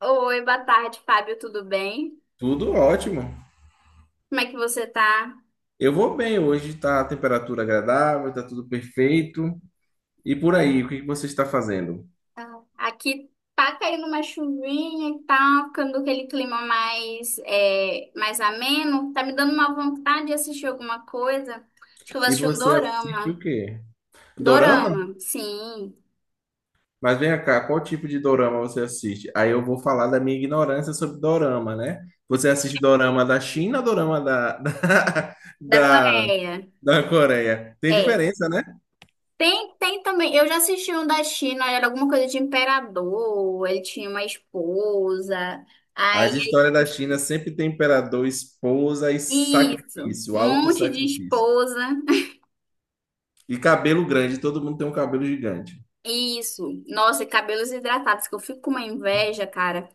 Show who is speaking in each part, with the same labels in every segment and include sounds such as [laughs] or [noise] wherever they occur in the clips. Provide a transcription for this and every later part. Speaker 1: Oi, boa tarde, Fábio, tudo bem?
Speaker 2: Tudo ótimo.
Speaker 1: Como é que você tá?
Speaker 2: Eu vou bem hoje, está a temperatura agradável, está tudo perfeito. E por aí, o que que você está fazendo?
Speaker 1: Aqui tá caindo uma chuvinha e tá ficando aquele clima mais, mais ameno. Tá me dando uma vontade de assistir alguma coisa. Acho que eu vou
Speaker 2: E
Speaker 1: assistir um
Speaker 2: você assiste o
Speaker 1: dorama.
Speaker 2: quê? Dorama?
Speaker 1: Dorama, sim,
Speaker 2: Mas vem cá, qual tipo de dorama você assiste? Aí eu vou falar da minha ignorância sobre dorama, né? Você assiste dorama da China ou dorama da, [laughs]
Speaker 1: da
Speaker 2: da,
Speaker 1: Coreia.
Speaker 2: da Coreia? Tem
Speaker 1: É.
Speaker 2: diferença, né?
Speaker 1: Tem, tem também. Eu já assisti um da China, era alguma coisa de imperador, ele tinha uma esposa. Aí,
Speaker 2: As histórias da China sempre tem imperador, esposa e
Speaker 1: isso,
Speaker 2: sacrifício,
Speaker 1: um
Speaker 2: alto
Speaker 1: monte de
Speaker 2: sacrifício.
Speaker 1: esposa.
Speaker 2: E cabelo grande, todo mundo tem um cabelo gigante.
Speaker 1: Isso. Nossa, e cabelos hidratados, que eu fico com uma inveja, cara.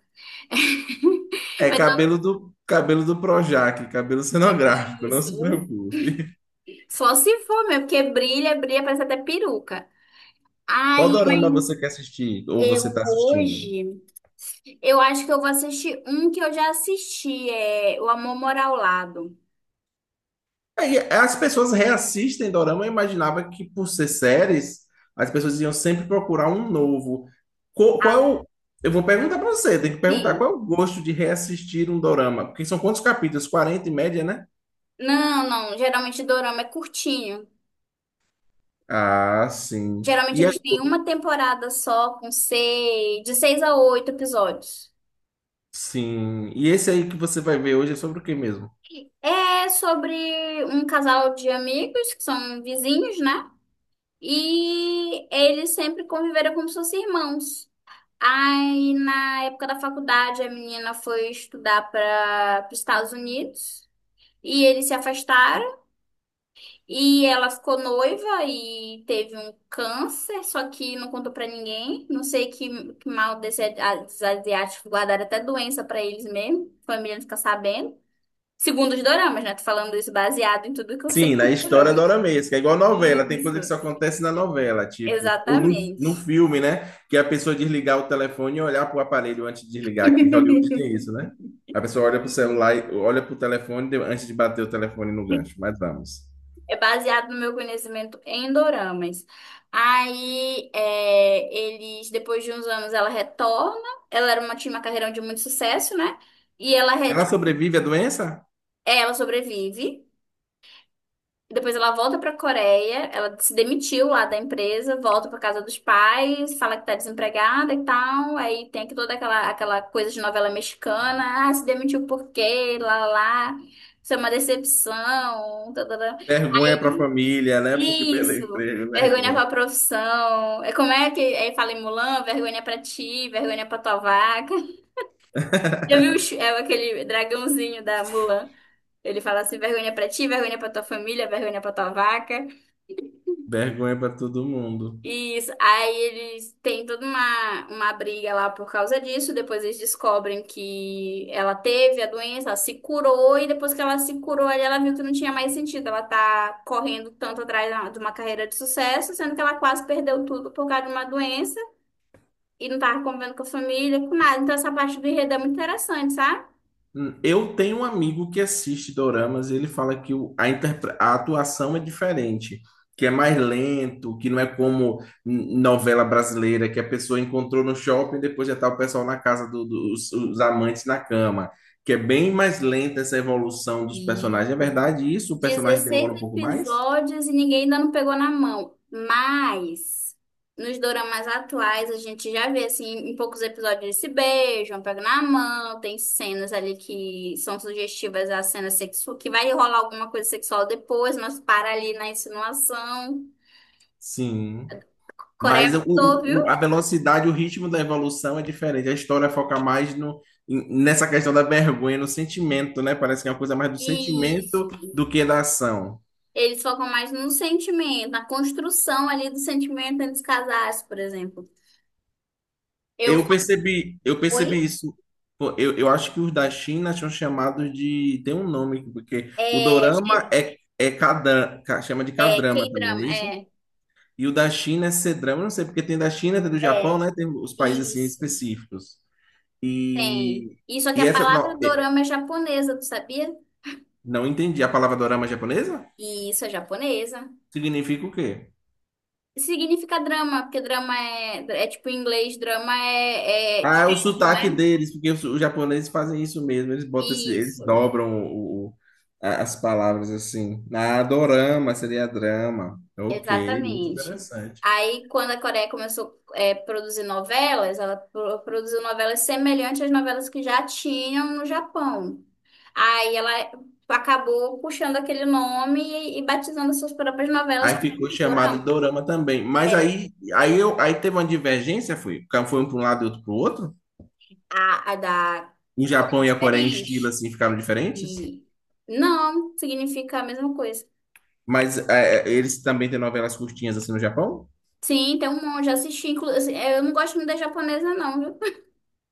Speaker 1: [laughs]
Speaker 2: É
Speaker 1: Mas eu-
Speaker 2: cabelo do Projac, cabelo cenográfico, não
Speaker 1: Isso.
Speaker 2: se preocupe.
Speaker 1: Só se for, meu, porque brilha, brilha, parece até peruca.
Speaker 2: Qual
Speaker 1: Ai,
Speaker 2: dorama você quer assistir ou você
Speaker 1: eu
Speaker 2: está assistindo?
Speaker 1: hoje, eu acho que eu vou assistir um que eu já assisti, é O Amor Mora ao Lado.
Speaker 2: Aí, as pessoas reassistem dorama, eu imaginava que por ser séries, as pessoas iam sempre procurar um novo. Co- Qual, é o- eu vou perguntar para você, tem que perguntar
Speaker 1: Sim.
Speaker 2: qual é o gosto de reassistir um dorama? Porque são quantos capítulos? 40 em média, né?
Speaker 1: Não, não, geralmente Dorama é curtinho.
Speaker 2: Ah, sim.
Speaker 1: Geralmente
Speaker 2: E aí,
Speaker 1: eles têm uma temporada só, com seis, de seis a oito episódios.
Speaker 2: sim. E esse aí que você vai ver hoje é sobre o que mesmo?
Speaker 1: É sobre um casal de amigos que são vizinhos, né? E eles sempre conviveram como se fossem irmãos. Aí, na época da faculdade, a menina foi estudar para os Estados Unidos e eles se afastaram. E ela ficou noiva e teve um câncer, só que não contou para ninguém. Não sei que mal desse, dos asiáticos guardaram até doença para eles mesmo. A família não fica sabendo. Segundo os doramas, né? Tô falando isso baseado em tudo que eu sei
Speaker 2: Sim,
Speaker 1: com
Speaker 2: na história
Speaker 1: dorama.
Speaker 2: doramesca, é igual novela, tem
Speaker 1: Isso,
Speaker 2: coisa que só acontece na novela, tipo, ou no
Speaker 1: exatamente.
Speaker 2: filme, né? Que a pessoa desligar o telefone e olhar para o aparelho antes de desligar, que Hollywood tem
Speaker 1: [laughs]
Speaker 2: isso, né? A pessoa olha para o celular, e olha para o telefone antes de bater o telefone no gancho, mas vamos.
Speaker 1: É baseado no meu conhecimento em doramas. Aí, depois de uns anos, ela retorna. Ela tinha uma carreira de muito sucesso, né? E ela, re-
Speaker 2: Ela
Speaker 1: tipo,
Speaker 2: sobrevive à doença?
Speaker 1: é, ela sobrevive. Depois ela volta pra Coreia. Ela se demitiu lá da empresa, volta pra casa dos pais, fala que tá desempregada e tal. Aí tem aqui toda aquela coisa de novela mexicana. Ah, se demitiu por quê? Lá, lá, lá. Isso é uma decepção. Tadadã.
Speaker 2: Vergonha para a família, né? Porque perdeu o
Speaker 1: Isso.
Speaker 2: emprego,
Speaker 1: Vergonha
Speaker 2: vergonha.
Speaker 1: pra profissão. É como é que aí fala em Mulan? Vergonha pra ti, vergonha pra tua vaca. [laughs] Já viu o é aquele dragãozinho da Mulan? Ele fala assim: vergonha pra ti, vergonha pra tua família, vergonha pra tua vaca.
Speaker 2: Vergonha para todo mundo.
Speaker 1: Isso. Aí eles têm toda uma briga lá por causa disso. Depois eles descobrem que ela teve a doença, ela se curou, e depois que ela se curou, aí ela viu que não tinha mais sentido. Ela tá correndo tanto atrás de uma carreira de sucesso, sendo que ela quase perdeu tudo por causa de uma doença e não tava convivendo com a família, com nada. Então essa parte do enredo é muito interessante, sabe?
Speaker 2: Eu tenho um amigo que assiste doramas e ele fala que a atuação é diferente, que é mais lento, que não é como novela brasileira, que a pessoa encontrou no shopping e depois já tá o pessoal na casa dos os amantes na cama, que é bem mais lenta essa evolução dos personagens. É verdade isso? O personagem
Speaker 1: 16
Speaker 2: demora um pouco mais?
Speaker 1: episódios e ninguém ainda não pegou na mão. Mas nos doramas atuais a gente já vê assim, em poucos episódios eles se beijam, pegam na mão, tem cenas ali que são sugestivas à cena sexual, que vai rolar alguma coisa sexual depois, mas para ali na insinuação.
Speaker 2: Sim.
Speaker 1: Coreia
Speaker 2: Mas
Speaker 1: mudou, viu?
Speaker 2: a velocidade, o ritmo da evolução é diferente. A história foca mais no, em- nessa questão da vergonha, no sentimento, né? Parece que é uma coisa mais do sentimento
Speaker 1: Isso.
Speaker 2: do que da ação.
Speaker 1: Eles focam mais no sentimento, na construção ali do sentimento antes de casar, por exemplo. Eu
Speaker 2: Eu
Speaker 1: só
Speaker 2: percebi, eu
Speaker 1: fui,
Speaker 2: percebi isso. Pô, eu acho que os da China são chamados de. Tem um nome, porque o
Speaker 1: é, acho
Speaker 2: dorama
Speaker 1: que
Speaker 2: é chama de
Speaker 1: é
Speaker 2: K-drama também, não
Speaker 1: K-drama,
Speaker 2: é isso?
Speaker 1: é.
Speaker 2: E o da China é C-drama, eu não sei, porque tem da China, tem do Japão,
Speaker 1: É,
Speaker 2: né? Tem os países assim
Speaker 1: isso.
Speaker 2: específicos.
Speaker 1: Tem.
Speaker 2: E,
Speaker 1: Isso que
Speaker 2: e
Speaker 1: a
Speaker 2: essa.
Speaker 1: palavra
Speaker 2: Não,
Speaker 1: dorama é japonesa, tu sabia?
Speaker 2: não entendi. A palavra dorama japonesa
Speaker 1: E isso é japonesa.
Speaker 2: significa o quê?
Speaker 1: Significa drama, porque drama é, tipo em inglês, drama é,
Speaker 2: Ah, é o
Speaker 1: teatro,
Speaker 2: sotaque
Speaker 1: né?
Speaker 2: deles, porque os japoneses fazem isso mesmo. Eles
Speaker 1: Isso,
Speaker 2: dobram as palavras assim. Ah, dorama seria drama. Ok, muito
Speaker 1: exatamente.
Speaker 2: interessante.
Speaker 1: Aí, quando a Coreia começou a produzir novelas, ela produziu novelas semelhantes às novelas que já tinham no Japão. Aí ela acabou puxando aquele nome e, batizando suas próprias novelas
Speaker 2: Aí
Speaker 1: como
Speaker 2: ficou chamado de
Speaker 1: dorama.
Speaker 2: dorama também. Mas
Speaker 1: É.
Speaker 2: aí teve uma divergência, foi? Foi um para um lado e outro para o outro?
Speaker 1: A da
Speaker 2: O
Speaker 1: Coreia é
Speaker 2: Japão e a Coreia em estilo
Speaker 1: diferente.
Speaker 2: assim ficaram diferentes?
Speaker 1: E não, significa a mesma coisa.
Speaker 2: Mas eles também têm novelas curtinhas assim no Japão?
Speaker 1: Sim, tem um monte. Já assisti, inclusive. Eu não gosto muito da japonesa, não.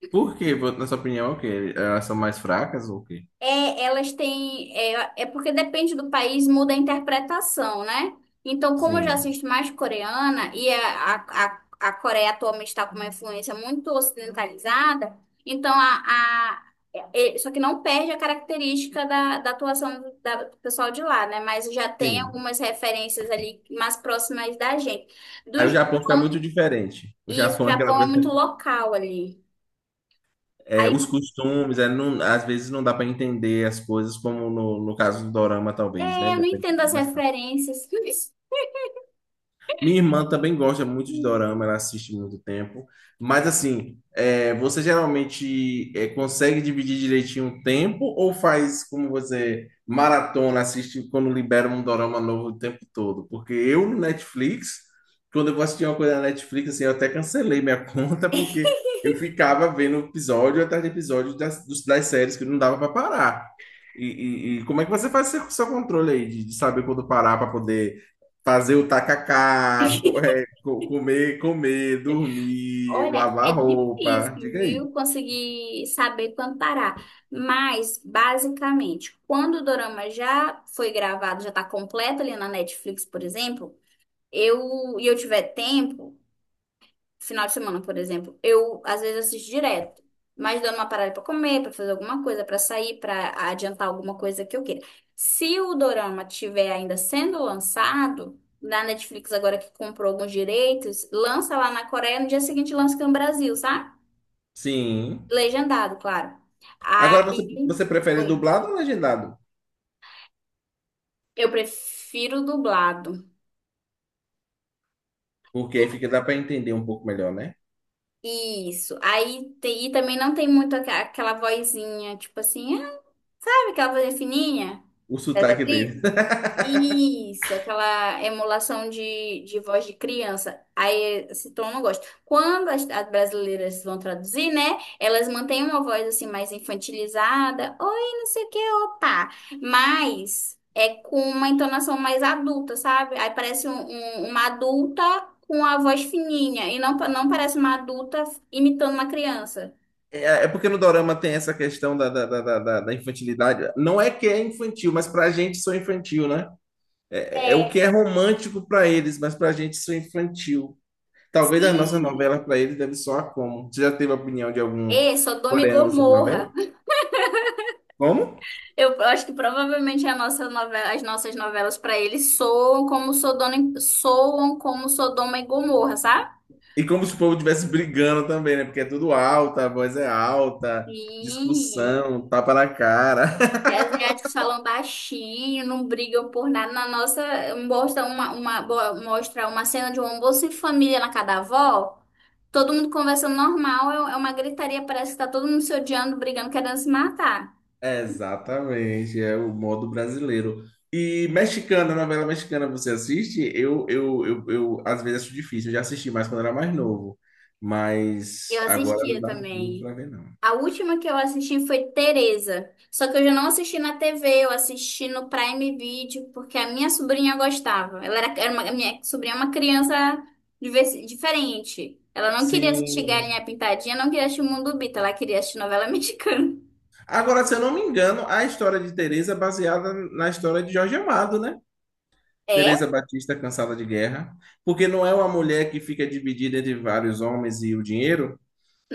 Speaker 2: Por quê? Na sua opinião, é o quê? Elas são mais fracas ou o quê?
Speaker 1: É, elas têm. É, é porque depende do país, muda a interpretação, né? Então, como eu já
Speaker 2: Sim,
Speaker 1: assisto mais coreana e a Coreia atualmente está com uma influência muito ocidentalizada, então a, só que não perde a característica da atuação do pessoal de lá, né? Mas já tem
Speaker 2: sim.
Speaker 1: algumas referências ali mais próximas da gente. Do
Speaker 2: Aí o Japão fica
Speaker 1: Japão,
Speaker 2: muito diferente. O
Speaker 1: isso, o
Speaker 2: Japão é aquela
Speaker 1: Japão é
Speaker 2: coisa.
Speaker 1: muito local ali. Aí,
Speaker 2: Os costumes, às vezes não dá para entender as coisas, como no caso do Dorama, talvez, né?
Speaker 1: eu não
Speaker 2: Depende,
Speaker 1: entendo
Speaker 2: é
Speaker 1: as
Speaker 2: mais fácil.
Speaker 1: referências.
Speaker 2: Minha irmã também gosta muito de dorama, ela assiste muito tempo. Mas assim, você geralmente consegue dividir direitinho o tempo ou faz como você maratona, assiste quando libera um dorama novo o tempo todo? Porque eu no Netflix, quando eu vou assistir uma coisa na Netflix, assim, eu até cancelei minha [laughs] conta porque eu ficava vendo episódio atrás de episódio das séries que não dava para parar. E, e como é que você faz seu controle aí de saber quando parar para poder fazer o
Speaker 1: [laughs]
Speaker 2: tacacá, comer, dormir,
Speaker 1: Olha, é
Speaker 2: lavar roupa.
Speaker 1: difícil,
Speaker 2: Diga aí.
Speaker 1: viu? Conseguir saber quando parar. Mas, basicamente, quando o dorama já foi gravado, já tá completo ali na Netflix, por exemplo, eu tiver tempo, final de semana, por exemplo, eu às vezes assisto direto. Mas dando uma parada pra comer, pra fazer alguma coisa, pra sair, pra adiantar alguma coisa que eu queira. Se o dorama tiver ainda sendo lançado, na Netflix agora que comprou alguns direitos, lança lá na Coreia, no dia seguinte lança aqui no Brasil, sabe?
Speaker 2: Sim.
Speaker 1: Legendado, claro.
Speaker 2: Agora você,
Speaker 1: Aí,
Speaker 2: você prefere
Speaker 1: oi.
Speaker 2: dublado ou legendado?
Speaker 1: Eu prefiro dublado.
Speaker 2: Porque aí fica, dá para entender um pouco melhor, né?
Speaker 1: Isso. E também não tem muito aquela vozinha, tipo assim, ah, sabe aquela vozinha fininha
Speaker 2: O
Speaker 1: das
Speaker 2: sotaque dele.
Speaker 1: atrizes.
Speaker 2: [laughs]
Speaker 1: Isso, aquela emulação de voz de criança. Aí esse tom eu não gosto. Quando as brasileiras vão traduzir, né? Elas mantêm uma voz assim mais infantilizada. Oi, não sei o que, opa. Mas é com uma entonação mais adulta, sabe? Aí parece uma adulta com a voz fininha. E não, não parece uma adulta imitando uma criança.
Speaker 2: É porque no Dorama tem essa questão da infantilidade. Não é que é infantil, mas pra gente sou infantil, né? É o que
Speaker 1: É.
Speaker 2: é romântico pra eles, mas pra gente sou infantil. Talvez as nossas
Speaker 1: Sim.
Speaker 2: novelas pra eles deve soar como. Você já teve a opinião de algum
Speaker 1: É Sodoma e
Speaker 2: coreano sobre novela?
Speaker 1: Gomorra.
Speaker 2: Como?
Speaker 1: Eu acho que provavelmente as nossas novelas para eles soam como Sodoma, soam como Sodoma e Gomorra, sabe?
Speaker 2: E como se o povo estivesse brigando também, né? Porque é tudo alto, a voz é alta,
Speaker 1: E,
Speaker 2: discussão, tapa na cara. [laughs]
Speaker 1: e asiáticos falam baixinho, não brigam por nada. Na nossa, mostra uma cena de um almoço em família na casa da avó. Todo mundo conversando normal, é uma gritaria, parece que tá todo mundo se odiando, brigando, querendo se matar.
Speaker 2: É, exatamente, é o modo brasileiro. E mexicana, novela mexicana, você assiste? Eu às vezes acho difícil, eu já assisti mais quando era mais novo, mas
Speaker 1: Eu
Speaker 2: agora não
Speaker 1: assistia
Speaker 2: dá muito
Speaker 1: também.
Speaker 2: pra ver, não.
Speaker 1: A última que eu assisti foi Teresa. Só que eu já não assisti na TV, eu assisti no Prime Video, porque a minha sobrinha gostava. Ela era, era uma, a minha sobrinha é uma criança diferente. Ela não queria assistir
Speaker 2: Sim.
Speaker 1: Galinha Pintadinha, não queria assistir Mundo Bita, ela queria assistir novela [laughs] mexicana.
Speaker 2: Agora, se eu não me engano, a história de Tereza é baseada na história de Jorge Amado, né?
Speaker 1: É?
Speaker 2: Teresa Batista cansada de guerra, porque não é uma mulher que fica dividida entre vários homens e o dinheiro.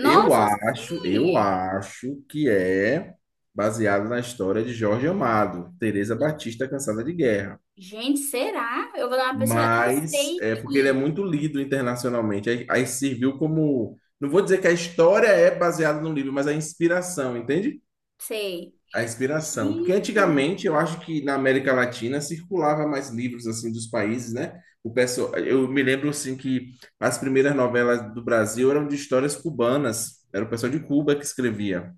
Speaker 2: Eu acho, eu
Speaker 1: sim!
Speaker 2: acho que é baseado na história de Jorge Amado, Teresa Batista cansada de guerra.
Speaker 1: Gente, será? Eu vou dar uma pesquisa. Eu
Speaker 2: Mas
Speaker 1: sei
Speaker 2: é porque ele é
Speaker 1: que.
Speaker 2: muito lido internacionalmente. Aí serviu como, não vou dizer que a história é baseada no livro, mas a inspiração, entende?
Speaker 1: Sei.
Speaker 2: A inspiração. Porque
Speaker 1: Gente, eu,
Speaker 2: antigamente eu acho que na América Latina circulava mais livros assim dos países, né? O pessoal, eu me lembro assim que as primeiras novelas do Brasil eram de histórias cubanas, era o pessoal de Cuba que escrevia.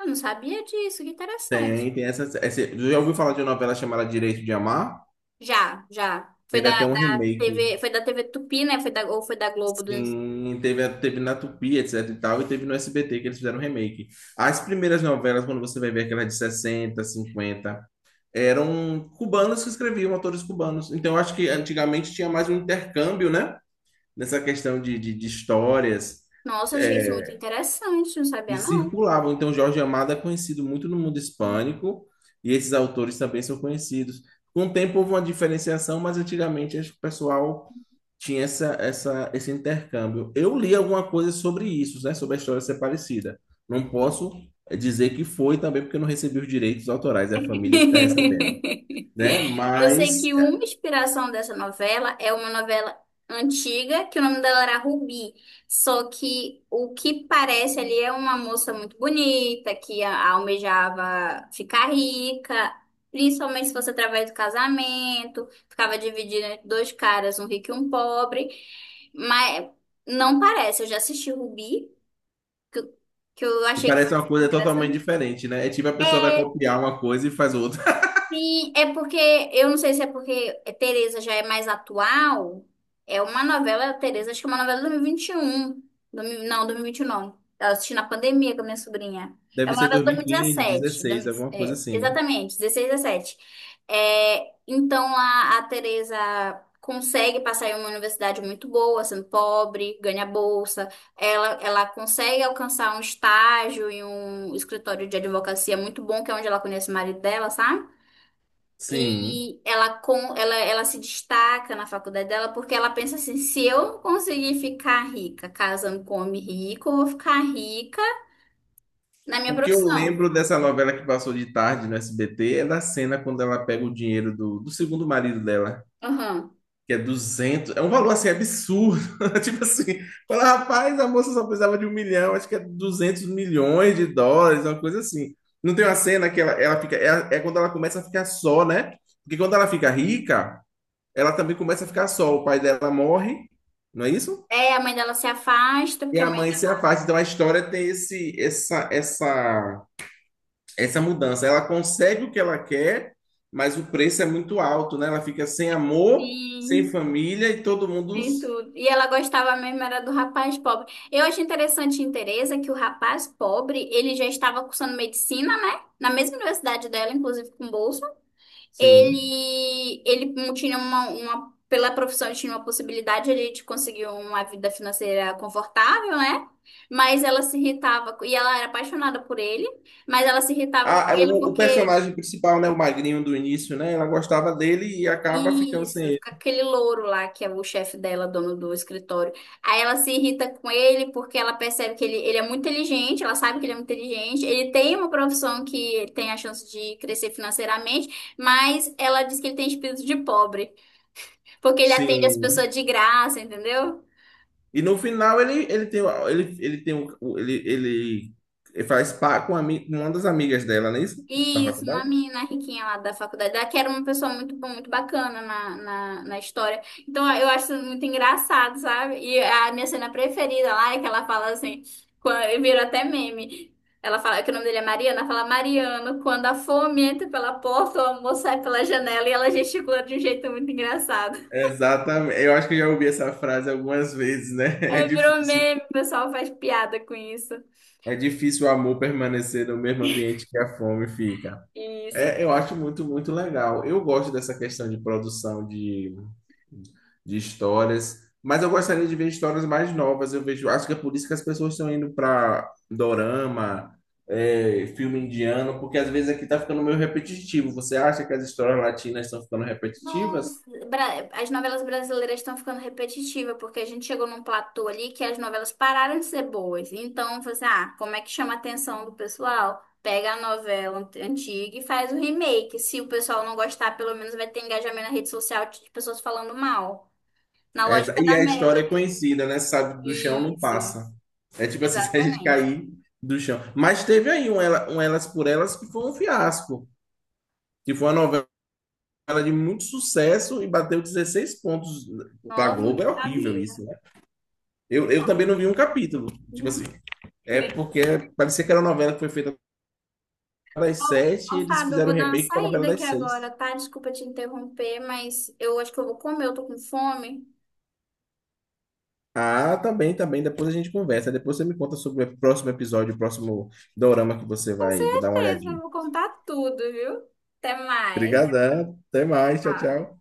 Speaker 1: eu não sabia disso, que interessante.
Speaker 2: Tem essa, já ouviu falar de uma novela chamada Direito de Amar?
Speaker 1: Já, já.
Speaker 2: Teve
Speaker 1: Foi
Speaker 2: até um
Speaker 1: da
Speaker 2: remake.
Speaker 1: TV, foi da TV Tupi, né? Ou foi da Globo.
Speaker 2: Sim, teve na Tupi, etc e tal, e teve no SBT que eles fizeram um remake. As primeiras novelas, quando você vai ver aquelas de 60, 50 eram cubanos que escreviam, autores cubanos. Então, eu acho que antigamente tinha mais um intercâmbio, né? Nessa questão de histórias
Speaker 1: Nossa, achei isso é
Speaker 2: é,
Speaker 1: muito interessante, não sabia,
Speaker 2: e
Speaker 1: não.
Speaker 2: circulavam. Então, Jorge Amado é conhecido muito no mundo hispânico e esses autores também são conhecidos. Com o tempo houve uma diferenciação, mas antigamente acho que o pessoal tinha esse intercâmbio. Eu li alguma coisa sobre isso, né? Sobre a história ser parecida. Não posso dizer que foi também porque eu não recebi os direitos autorais, é a família que está recebendo, né?
Speaker 1: [laughs] Eu sei
Speaker 2: Mas
Speaker 1: que uma inspiração dessa novela é uma novela antiga, que o nome dela era Rubi. Só que o que parece ali é uma moça muito bonita, que almejava ficar rica, principalmente se fosse através do casamento, ficava dividida entre dois caras, um rico e um pobre. Mas não parece, eu já assisti Rubi, que eu, que eu
Speaker 2: E
Speaker 1: achei que foi
Speaker 2: parece uma coisa totalmente
Speaker 1: interessante.
Speaker 2: diferente, né? É tipo a pessoa vai
Speaker 1: É,
Speaker 2: copiar uma coisa e faz outra. [laughs]
Speaker 1: sim, é porque, eu não sei se é porque Tereza já é mais atual, é uma novela, Tereza, acho que é uma novela de 2021, não, 2029, eu assisti na pandemia com a minha sobrinha, é
Speaker 2: Deve
Speaker 1: uma
Speaker 2: ser
Speaker 1: novela de
Speaker 2: 2015,
Speaker 1: 2017,
Speaker 2: 16, alguma coisa
Speaker 1: é,
Speaker 2: assim, né?
Speaker 1: exatamente, 16, 17, é, então a Tereza consegue passar em uma universidade muito boa, sendo pobre, ganha bolsa, ela consegue alcançar um estágio em um escritório de advocacia muito bom, que é onde ela conhece o marido dela, sabe?
Speaker 2: Sim.
Speaker 1: E ela se destaca na faculdade dela porque ela pensa assim: se eu conseguir ficar rica casando com homem rico, eu vou ficar rica na minha
Speaker 2: O que eu
Speaker 1: profissão.
Speaker 2: lembro dessa novela que passou de tarde no SBT é da cena quando ela pega o dinheiro do segundo marido dela,
Speaker 1: Aham.
Speaker 2: que é 200. É um valor assim absurdo. [laughs] Tipo assim, fala, rapaz, a moça só precisava de 1 milhão, acho que é US$ 200 milhões, uma coisa assim. Não tem uma cena que ela fica. É quando ela começa a ficar só, né? Porque quando ela fica rica. Ela também começa a ficar só. O pai dela morre, não é isso?
Speaker 1: É, a mãe dela se afasta
Speaker 2: E
Speaker 1: porque a
Speaker 2: a
Speaker 1: mãe
Speaker 2: mãe se
Speaker 1: dela
Speaker 2: afasta. Então a história tem esse, essa mudança. Ela consegue o que ela quer, mas o preço é muito alto, né? Ela fica sem amor, sem
Speaker 1: tem,
Speaker 2: família e todo mundo.
Speaker 1: tem tudo. E ela gostava mesmo era do rapaz pobre. Eu acho interessante em Teresa que o rapaz pobre, ele já estava cursando medicina, né? Na mesma universidade dela, inclusive com bolsa.
Speaker 2: Sim.
Speaker 1: Ele tinha uma, pela profissão, ele tinha uma possibilidade ali de conseguir uma vida financeira confortável, né? Mas ela se irritava, e ela era apaixonada por ele, mas ela se irritava com
Speaker 2: A- a-
Speaker 1: ele
Speaker 2: o, o
Speaker 1: porque,
Speaker 2: personagem principal, né? O magrinho do início, né? Ela gostava dele e acaba ficando sem
Speaker 1: isso,
Speaker 2: ele.
Speaker 1: com aquele louro lá, que é o chefe dela, dono do escritório. Aí ela se irrita com ele porque ela percebe que ele é muito inteligente, ela sabe que ele é muito inteligente, ele tem uma profissão que tem a chance de crescer financeiramente, mas ela diz que ele tem espírito de pobre. Porque ele atende as
Speaker 2: Sim.
Speaker 1: pessoas de graça, entendeu?
Speaker 2: E no final ele, ele tem, o- ele tem ele faz par com uma das amigas dela, não é isso? Da
Speaker 1: Isso, uma
Speaker 2: faculdade?
Speaker 1: menina riquinha lá da faculdade, ela que era uma pessoa muito boa, muito bacana na história. Então eu acho isso muito engraçado, sabe? E a minha cena preferida lá é que ela fala assim, quando, vira até meme. Ela fala que o nome dele é Mariana, ela fala Mariano, quando a fome entra pela porta, o amor sai pela janela e ela gesticula de um jeito muito engraçado.
Speaker 2: Exatamente. Eu acho que eu já ouvi essa frase algumas vezes, né? [laughs] É
Speaker 1: Aí virou
Speaker 2: difícil.
Speaker 1: meme, o pessoal faz piada com isso.
Speaker 2: É difícil o amor permanecer no mesmo ambiente que a fome fica.
Speaker 1: Isso.
Speaker 2: É, eu acho muito, muito legal. Eu gosto dessa questão de produção de histórias, mas eu gostaria de ver histórias mais novas. Eu vejo, acho que é por isso que as pessoas estão indo para dorama, filme indiano, porque às vezes aqui está ficando meio repetitivo. Você acha que as histórias latinas estão ficando repetitivas?
Speaker 1: Nossa, as novelas brasileiras estão ficando repetitivas, porque a gente chegou num platô ali que as novelas pararam de ser boas. Então, você, ah, como é que chama a atenção do pessoal? Pega a novela antiga e faz o remake. Se o pessoal não gostar, pelo menos vai ter engajamento na rede social de pessoas falando mal. Na
Speaker 2: É,
Speaker 1: lógica
Speaker 2: e
Speaker 1: da
Speaker 2: a história é
Speaker 1: Melody.
Speaker 2: conhecida, né? Sabe, do chão não
Speaker 1: Isso,
Speaker 2: passa. É tipo assim, [laughs] se a gente
Speaker 1: exatamente.
Speaker 2: cair do chão. Mas teve aí Elas por Elas que foi um fiasco, que foi uma novela ela de muito sucesso e bateu 16 pontos da
Speaker 1: Nossa,
Speaker 2: Globo.
Speaker 1: não
Speaker 2: É horrível
Speaker 1: sabia.
Speaker 2: isso, né? Eu também não vi um capítulo. Tipo assim,
Speaker 1: Uhum.
Speaker 2: é porque parecia que era uma novela que foi feita das
Speaker 1: Ó,
Speaker 2: sete e
Speaker 1: ó,
Speaker 2: eles
Speaker 1: Fábio, eu
Speaker 2: fizeram o
Speaker 1: vou dar uma
Speaker 2: remake para a novela
Speaker 1: saída aqui
Speaker 2: das
Speaker 1: agora,
Speaker 2: seis.
Speaker 1: tá? Desculpa te interromper, mas eu acho que eu vou comer, eu tô com fome.
Speaker 2: Ah, tá bem, tá bem. Depois a gente conversa. Depois você me conta sobre o próximo episódio, o próximo dorama que você
Speaker 1: Com
Speaker 2: vai dar uma
Speaker 1: certeza,
Speaker 2: olhadinha.
Speaker 1: eu vou contar tudo, viu? Até mais.
Speaker 2: Obrigadão. Até mais. Tchau,
Speaker 1: Tchau.
Speaker 2: tchau.